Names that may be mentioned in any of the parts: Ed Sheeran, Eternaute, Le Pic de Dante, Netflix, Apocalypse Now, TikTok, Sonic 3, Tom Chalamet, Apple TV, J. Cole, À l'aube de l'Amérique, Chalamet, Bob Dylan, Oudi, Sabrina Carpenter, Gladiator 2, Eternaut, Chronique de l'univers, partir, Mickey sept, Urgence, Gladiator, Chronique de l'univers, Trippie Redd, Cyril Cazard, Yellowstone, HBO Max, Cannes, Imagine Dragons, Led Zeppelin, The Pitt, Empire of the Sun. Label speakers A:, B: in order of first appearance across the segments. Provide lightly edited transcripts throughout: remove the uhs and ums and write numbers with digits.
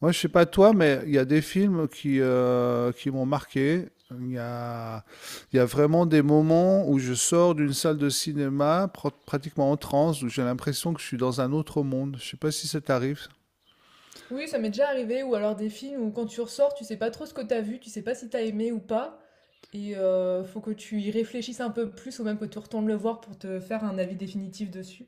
A: Moi, je sais pas toi, mais il y a des films qui m'ont marqué. Il y a vraiment des moments où je sors d'une salle de cinéma pratiquement en transe, où j'ai l'impression que je suis dans un autre monde. Je sais pas si ça t'arrive.
B: Oui, ça m'est déjà arrivé, ou alors des films où quand tu ressors, tu sais pas trop ce que t'as vu, tu sais pas si t'as aimé ou pas, et faut que tu y réfléchisses un peu plus, ou même que tu retournes le voir pour te faire un avis définitif dessus.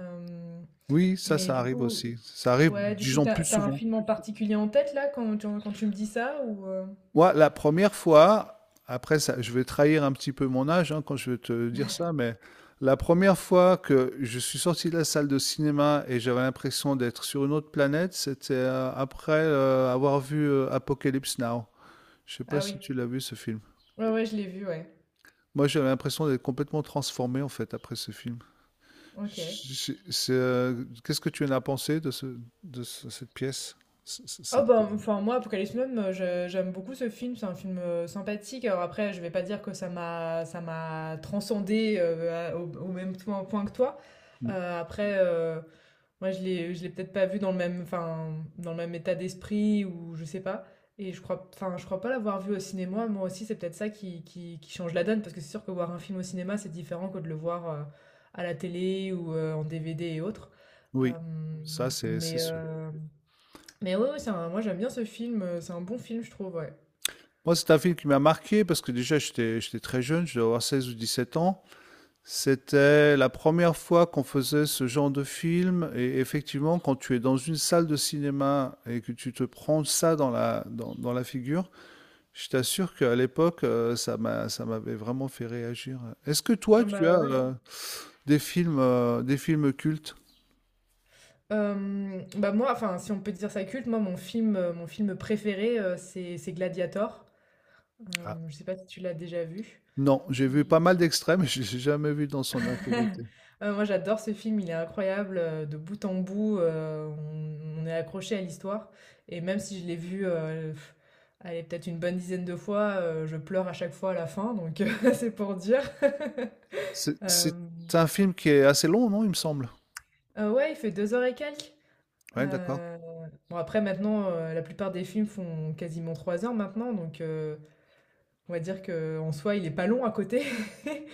B: Euh,
A: Oui, ça,
B: mais
A: ça
B: du
A: arrive
B: coup,
A: aussi. Ça arrive,
B: ouais, du coup,
A: disons,
B: t'as,
A: plus
B: t'as un
A: souvent.
B: film en particulier en tête là quand tu me dis ça, ou
A: Moi, la première fois, après ça, je vais trahir un petit peu mon âge hein, quand je vais te dire ça, mais la première fois que je suis sorti de la salle de cinéma et j'avais l'impression d'être sur une autre planète, c'était après avoir vu Apocalypse Now. Je sais pas
B: Ah
A: si
B: oui,
A: tu l'as vu ce film.
B: ouais, ouais, je l'ai vu, ouais.
A: Moi, j'avais l'impression d'être complètement transformé en fait après ce film.
B: Ok.
A: C'est, qu'est-ce que tu en as pensé de cette pièce? C- c-
B: Oh
A: cette-
B: bah, enfin moi Apocalypse Now, j'aime beaucoup ce film, c'est un film sympathique. Alors après, je vais pas dire que ça m'a transcendé au même point que toi.
A: euh,
B: Après moi je l'ai peut-être pas vu dans le même état d'esprit ou je sais pas, et je crois pas l'avoir vu au cinéma. Moi aussi, c'est peut-être ça qui change la donne parce que c'est sûr que voir un film au cinéma, c'est différent que de le voir à la télé ou en DVD et autres.
A: Oui,
B: Euh,
A: ça c'est
B: mais,
A: sûr.
B: euh, mais ouais, ouais, moi j'aime bien ce film, c'est un bon film, je trouve, ouais.
A: Moi, c'est un film qui m'a marqué parce que déjà, j'étais très jeune, je devais avoir 16 ou 17 ans. C'était la première fois qu'on faisait ce genre de film. Et effectivement, quand tu es dans une salle de cinéma et que tu te prends ça dans dans la figure, je t'assure qu'à l'époque, ça m'avait vraiment fait réagir. Est-ce que toi,
B: Ah
A: tu as
B: bah ouais, ouais.
A: des des films cultes?
B: Bah moi, enfin, si on peut dire ça culte, moi mon film préféré, c'est Gladiator.
A: Ah,
B: Je sais pas si tu l'as déjà vu.
A: non, j'ai
B: Mm.
A: vu pas mal d'extraits, mais je ne l'ai jamais vu dans son intégralité.
B: Moi j'adore ce film, il est incroyable, de bout en bout, on est accroché à l'histoire. Et même si je l'ai vu, allez, peut-être une bonne dizaine de fois, je pleure à chaque fois à la fin, donc c'est pour dire.
A: C'est
B: Euh,
A: c'est un film qui est assez long, non, il me semble.
B: ouais, il fait 2 h et quelques. Heu,
A: Ouais, d'accord.
B: bon après maintenant, la plupart des films font quasiment 3 h maintenant, donc on va dire que en soi il est pas long à côté.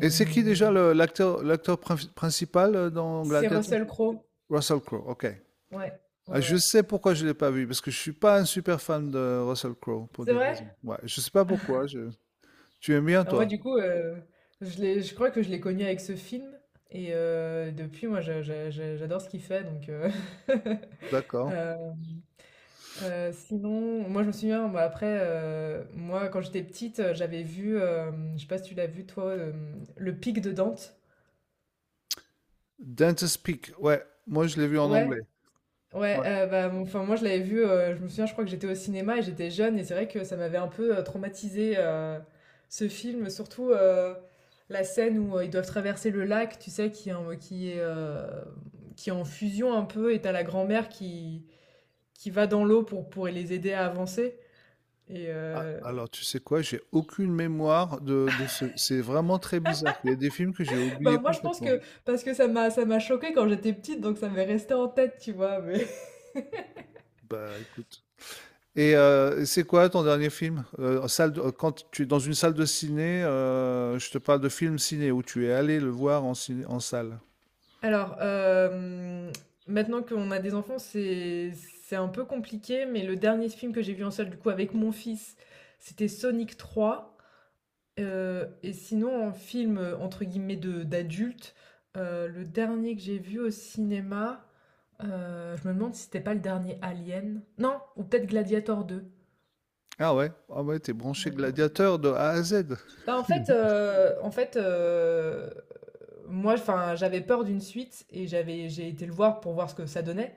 A: Et c'est qui déjà le l'acteur prinf principal, dans
B: c'est
A: Gladiator?
B: Russell Crowe.
A: Russell Crowe, OK.
B: Ouais,
A: Ah,
B: ouais,
A: je
B: ouais.
A: sais pourquoi je ne l'ai pas vu, parce que je suis pas un super fan de Russell Crowe pour
B: C'est
A: des
B: vrai?
A: raisons. Ouais, je sais pas pourquoi, je tu aimes bien
B: Ah moi
A: toi?
B: du coup, je crois que je l'ai connu avec ce film, et depuis moi je j'adore ce qu'il fait, donc
A: D'accord.
B: hem Sinon, moi je me souviens, bah, après, moi quand j'étais petite, j'avais vu, je sais pas si tu l'as vu toi, Le Pic de Dante?
A: Dentist Peak, ouais, moi je l'ai vu en
B: Ouais.
A: anglais.
B: Ouais,
A: Ouais.
B: ouais, bah, mon enfin moi je l'avais vu, je me souviens, je crois que j'étais au cinéma et j'étais jeune et c'est vrai que ça m'avait un peu, traumatisée, ce film, surtout, la scène où, ils doivent traverser le lac, tu sais, qui est en fusion un peu, et t'as la grand-mère qui va dans l'eau pour les aider à avancer et
A: A
B: heu
A: alors tu sais quoi? J'ai aucune mémoire de ce c'est vraiment très bizarre. Il y a des films que j'ai
B: Bah,
A: oubliés
B: moi, je pense
A: complètement.
B: que parce que ça m'a choquée quand j'étais petite, donc ça m'est resté en tête, tu vois, mais…
A: Bah, écoute. Et c'est quoi ton dernier film? Quand tu es dans une salle de ciné, je te parle de film ciné où tu es allé le en salle.
B: Alors, maintenant qu'on a des enfants, c'est un peu compliqué, mais le dernier film que j'ai vu en salle, du coup, avec mon fils, c'était Sonic 3. Et sinon, en film, entre guillemets, de d'adulte, le dernier que j'ai vu au cinéma, je me demande si c'était pas le dernier Alien. Non, ou peut-être Gladiator 2.
A: Ouais, ah ouais, t'es branché gladiateur de A à Z.
B: Bah, en fait, moi, enfin, j'avais peur d'une suite et j'ai été le voir pour voir ce que ça donnait,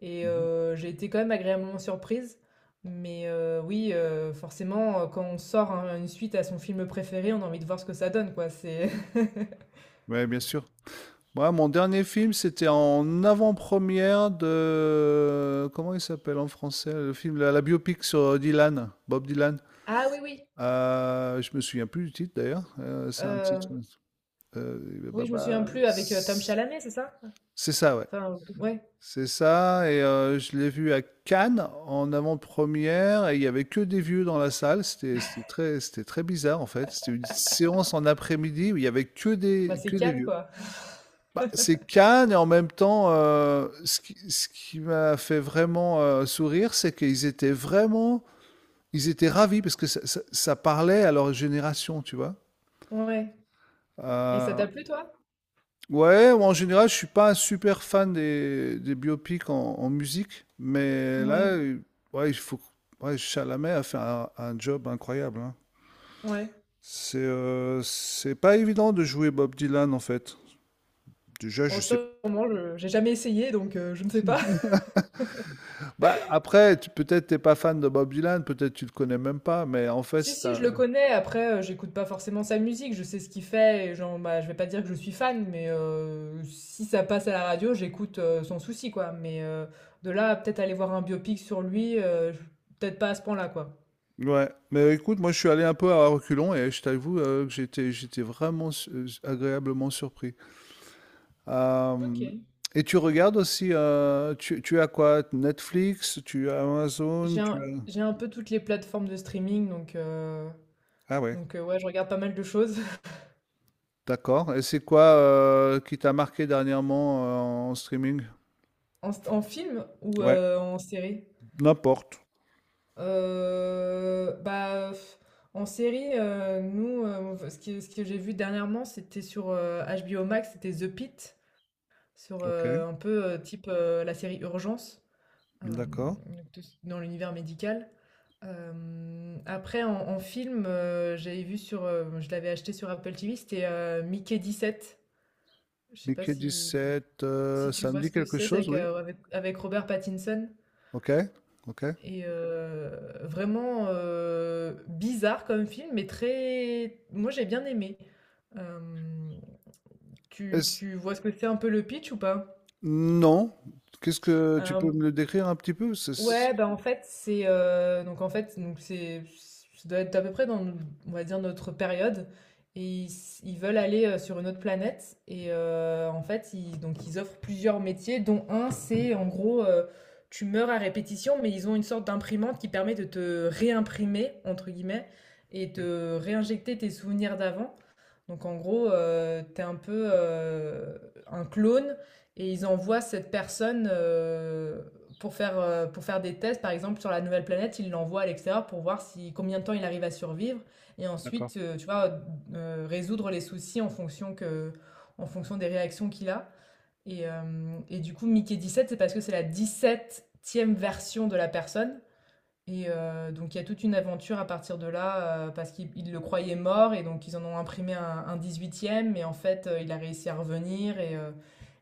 B: et
A: Mhm.
B: j'ai été quand même agréablement surprise. Mais oui, forcément, quand on sort un une suite à son film préféré, on a envie de voir ce que ça donne, quoi. C'est…
A: Ouais, bien sûr. Moi, mon dernier film, c'était en avant-première de... Comment il s'appelle en français? Le la biopic sur Dylan, Bob Dylan.
B: Ah oui, oui,
A: Je me souviens plus du titre d'ailleurs. C'est un
B: heu,
A: euh, bah,
B: oui, je me souviens
A: bah,
B: plus, avec, Tom Chalamet, c'est ça?
A: c'est ça, ouais.
B: Enfin, ouais,
A: C'est ça, et je l'ai vu à Cannes, en avant-première et il y avait que des vieux dans la salle. C'était très bizarre, en fait. C'était une séance en après-midi où il y avait que
B: bah, c'est
A: des
B: Cannes,
A: vieux.
B: quoi.
A: Bah, c'est Cannes et en même temps, ce qui m'a fait vraiment, sourire, c'est qu'ils étaient vraiment ils étaient ravis parce que ça parlait à leur génération, tu vois?
B: Ouais, et ça t'a
A: Heu,
B: plu, toi?
A: ouais, en général, je suis pas un super fan des biopics en musique, mais là,
B: Ouais,
A: mm, ouais, il faut. Ouais, Chalamet a fait un job incroyable, hein.
B: ouais.
A: C'est pas évident de jouer Bob Dylan en fait. Déjà, je
B: Bon,
A: sais
B: sur
A: pas.
B: le moment, je j'ai jamais essayé, donc je ne sais pas.
A: Bah après, tu- peut-être t'es pas fan de Bob Dylan, peut-être tu le connais même pas, mais en fait,
B: Si,
A: c'est
B: si, je le
A: un.
B: connais. Après, j'écoute pas forcément sa musique. Je sais ce qu'il fait. Et genre, bah, je vais pas dire que je suis fan, mais si ça passe à la radio, j'écoute sans souci, quoi. Mais de là à peut-être aller voir un biopic sur lui, peut-être pas à ce point-là, quoi.
A: Ouais, mais écoute, moi je suis allé un peu à reculons et je t'avoue que j'étais vraiment agréablement surpris.
B: Ok.
A: Euh, et tu regardes aussi, tu as quoi? Netflix, tu as Amazon,
B: J'ai
A: tu
B: un,
A: as...
B: j'ai un peu toutes les plateformes de streaming, donc, euh,
A: Ah ouais,
B: donc euh, ouais, je regarde pas mal de choses.
A: d'accord. Et c'est quoi qui t'a marqué dernièrement en streaming?
B: En film ou
A: Ouais,
B: en série?
A: n'importe.
B: Bah, en série, nous, ce que j'ai vu dernièrement, c'était sur, HBO Max, c'était The Pitt, sur,
A: Ok,
B: un peu, type, la série Urgence, hem,
A: d'accord.
B: donc tout dans l'univers médical. Après, en film, j'avais vu sur, je l'avais acheté sur Apple TV, c'était, Mickey sept. Je sais pas
A: Mickey
B: si
A: 17,
B: si tu
A: ça me
B: vois
A: dit
B: ce que
A: quelque
B: c'est. C'est
A: chose,
B: avec,
A: oui.
B: heu, avec avec Robert Pattinson.
A: Ok, ok.
B: Et vraiment, bizarre comme film, mais très, moi j'ai bien aimé. Hem, tu
A: Est-ce-
B: tu vois ce que c'est un peu, le pitch, ou pas?
A: non. Qu'est-ce que tu peux me le décrire un petit peu?
B: Ouais, bah en fait, c'est donc en fait, donc c'est, ça doit être à peu près dans, on va dire, notre période, et ils veulent aller sur une autre planète, et en fait, ils donc ils offrent plusieurs métiers, dont un c'est en gros tu meurs à répétition, mais ils ont une sorte d'imprimante qui permet de te réimprimer entre guillemets et de réinjecter tes souvenirs d'avant. Donc en gros, t'es un peu un clone, et ils envoient cette personne pour faire des tests, par exemple sur la nouvelle planète, ils l'envoient à l'extérieur pour voir si, combien de temps il arrive à survivre, et
A: D'accord.
B: ensuite, tu vois, résoudre les soucis en fonction des réactions qu'il a. Et, du coup, Mickey 17, c'est parce que c'est la 17e version de la personne, et donc il y a toute une aventure à partir de là, parce qu'ils ils le croyaient mort et donc ils en ont imprimé un 18e, mais en fait, il a réussi à revenir, et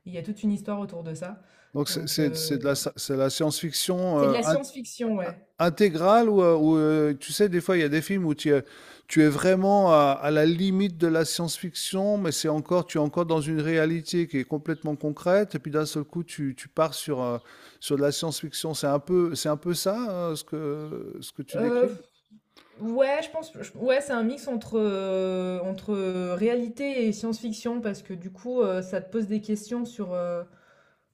B: il y a toute une histoire autour de ça. Donc
A: C'est de c'est de la science-fiction.
B: c'est de
A: Euh,
B: la
A: in
B: science-fiction, ouais.
A: intégrale tu sais, des fois, il y a des films où tu es vraiment à la limite de la science-fiction, mais c'est encore, tu es encore dans une réalité qui est complètement concrète, et puis d'un seul coup, tu pars sur, sur de la science-fiction. C'est un peu ça, ce que tu
B: Heu
A: décris?
B: Ouais, je pense, ouais, c'est un mix entre réalité et science-fiction, parce que du coup, ça te pose des questions sur, euh,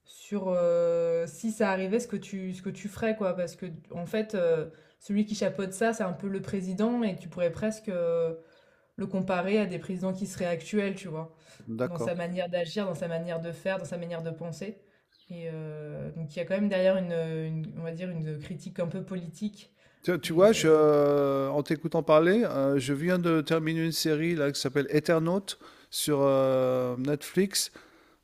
B: sur euh, si ça arrivait, ce que tu ferais, quoi. Parce que, en fait, celui qui chapeaute ça, c'est un peu le président, et tu pourrais presque le comparer à des présidents qui seraient actuels, tu vois, dans
A: D'accord.
B: sa manière d'agir, dans sa manière de faire, dans sa manière de penser. Et donc, il y a quand même derrière une, on va dire, une critique un peu politique.
A: Tu
B: Et
A: vois, en t'écoutant parler, je viens de terminer une série là, qui s'appelle Eternaut sur Netflix.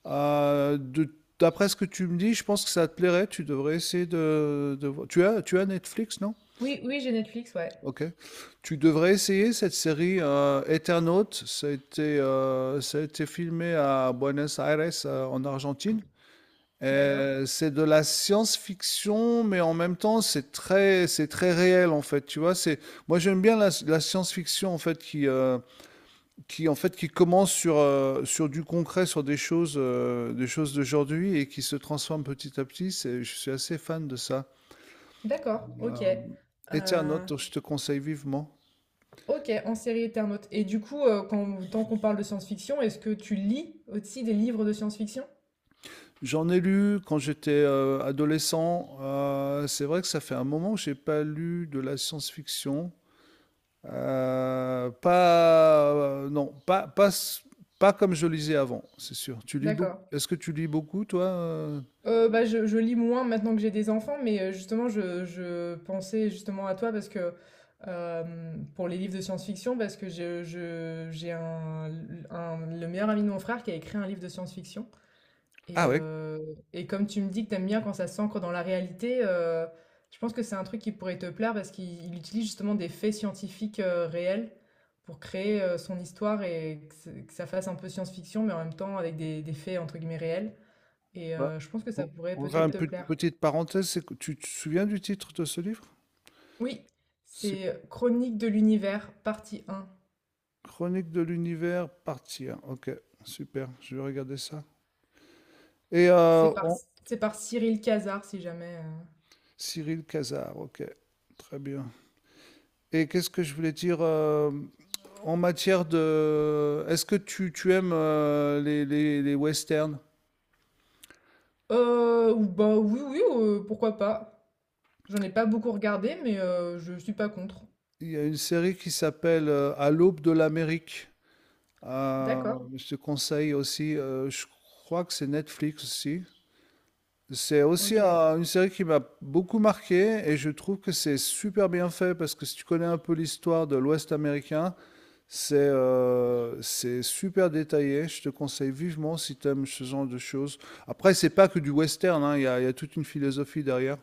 A: De- d'après ce que tu me dis, je pense que ça te plairait. Tu devrais essayer de voir. Tu as Netflix, non?
B: Oui, oui, j'ai Netflix, ouais.
A: Ok. Tu devrais essayer cette série Eternaut. Ça a été filmé à Buenos Aires, en Argentine.
B: D'accord.
A: C'est de la science-fiction, mais en même temps, c'est très réel en fait. Tu vois, c'est moi j'aime bien la science-fiction en fait qui en fait qui commence sur sur du concret, sur des choses d'aujourd'hui et qui se transforme petit à petit. C'est, je suis assez fan de ça.
B: D'accord, ok.
A: Euh,
B: Euh,
A: Eternaut, je te conseille vivement.
B: ok, en série Eternaute. Et du coup, tant qu'on parle de science-fiction, est-ce que tu lis aussi des livres de science-fiction?
A: J'en ai lu quand j'étais adolescent. C'est vrai que ça fait un moment que j'ai pas lu de la science-fiction. Pas, non, pas, pas, s- pas comme je lisais avant, c'est sûr. Tu lis beaucoup.
B: D'accord.
A: Est-ce que tu lis beaucoup, toi, euh?
B: Bah, je lis moins maintenant que j'ai des enfants, mais justement, je pensais justement à toi parce que pour les livres de science-fiction, parce que j'ai un, le meilleur ami de mon frère qui a écrit un livre de science-fiction. Et,
A: Ah ouais.
B: comme tu me dis que t'aimes bien quand ça s'ancre dans la réalité, je pense que c'est un truc qui pourrait te plaire parce qu'il il utilise justement des faits scientifiques réels pour créer son histoire, et que ça fasse un peu science-fiction, mais en même temps avec des faits entre guillemets réels. Et
A: Bah,
B: je pense que
A: On
B: ça pourrait
A: on va ça
B: peut-être
A: une
B: te plaire.
A: petite parenthèse, c'est que- tu te souviens du titre de ce livre?
B: Oui,
A: C'est
B: c'est Chronique de l'univers, partie un.
A: Chronique de l'univers, partir. Ok, super. Je vais regarder ça. Et
B: C'est par,
A: on-
B: c'est par Cyril Cazard, si jamais.
A: Cyril Cazard. Ok, très bien. Et qu'est-ce que je voulais dire en matière de... Est-ce que tu aimes les westerns?
B: Bah oui, oui, pourquoi pas. J'en ai pas beaucoup regardé, mais je suis pas contre.
A: Il y a une série qui s'appelle À l'aube de l'Amérique. Euh,
B: D'accord,
A: je te conseille aussi, je crois que c'est Netflix aussi. C'est aussi
B: OK.
A: une série qui m'a beaucoup marqué et je trouve que c'est super bien fait parce que si tu connais un peu l'histoire de l'Ouest américain, c'est super détaillé. Je te conseille vivement si tu aimes ce genre de choses. Après, c'est pas que du western, hein, il y a toute une philosophie derrière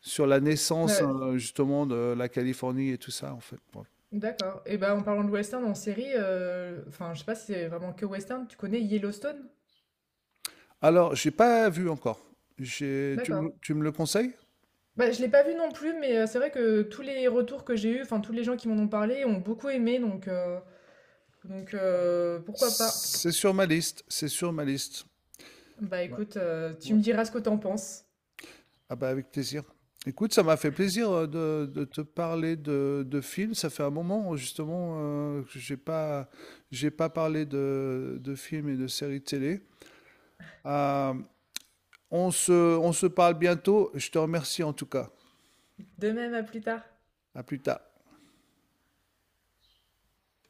A: sur la naissance
B: Bah,
A: justement de la Californie et tout ça en fait. Bon.
B: d'accord, et bah, en parlant de western en série, enfin, je sais pas si c'est vraiment que western, tu connais Yellowstone?
A: Alors, j'ai pas vu encore. J'ai- tu
B: D'accord.
A: tu me le conseilles?
B: Bah, je l'ai pas vu non plus, mais c'est vrai que tous les retours que j'ai eus, enfin, tous les gens qui m'en ont parlé ont beaucoup aimé, donc pourquoi pas?
A: C'est sur ma liste, c'est sur ma liste.
B: Bah,
A: Ouais,
B: écoute, tu
A: ouais.
B: me diras ce que t'en penses.
A: Ah bah avec plaisir. Écoute, ça m'a fait plaisir de te parler de films. Ça fait un moment justement que j'ai pas parlé de films et de séries télé. Euh, on se, on se parle bientôt. Je te remercie en tout cas.
B: De même, à plus tard.
A: À plus tard.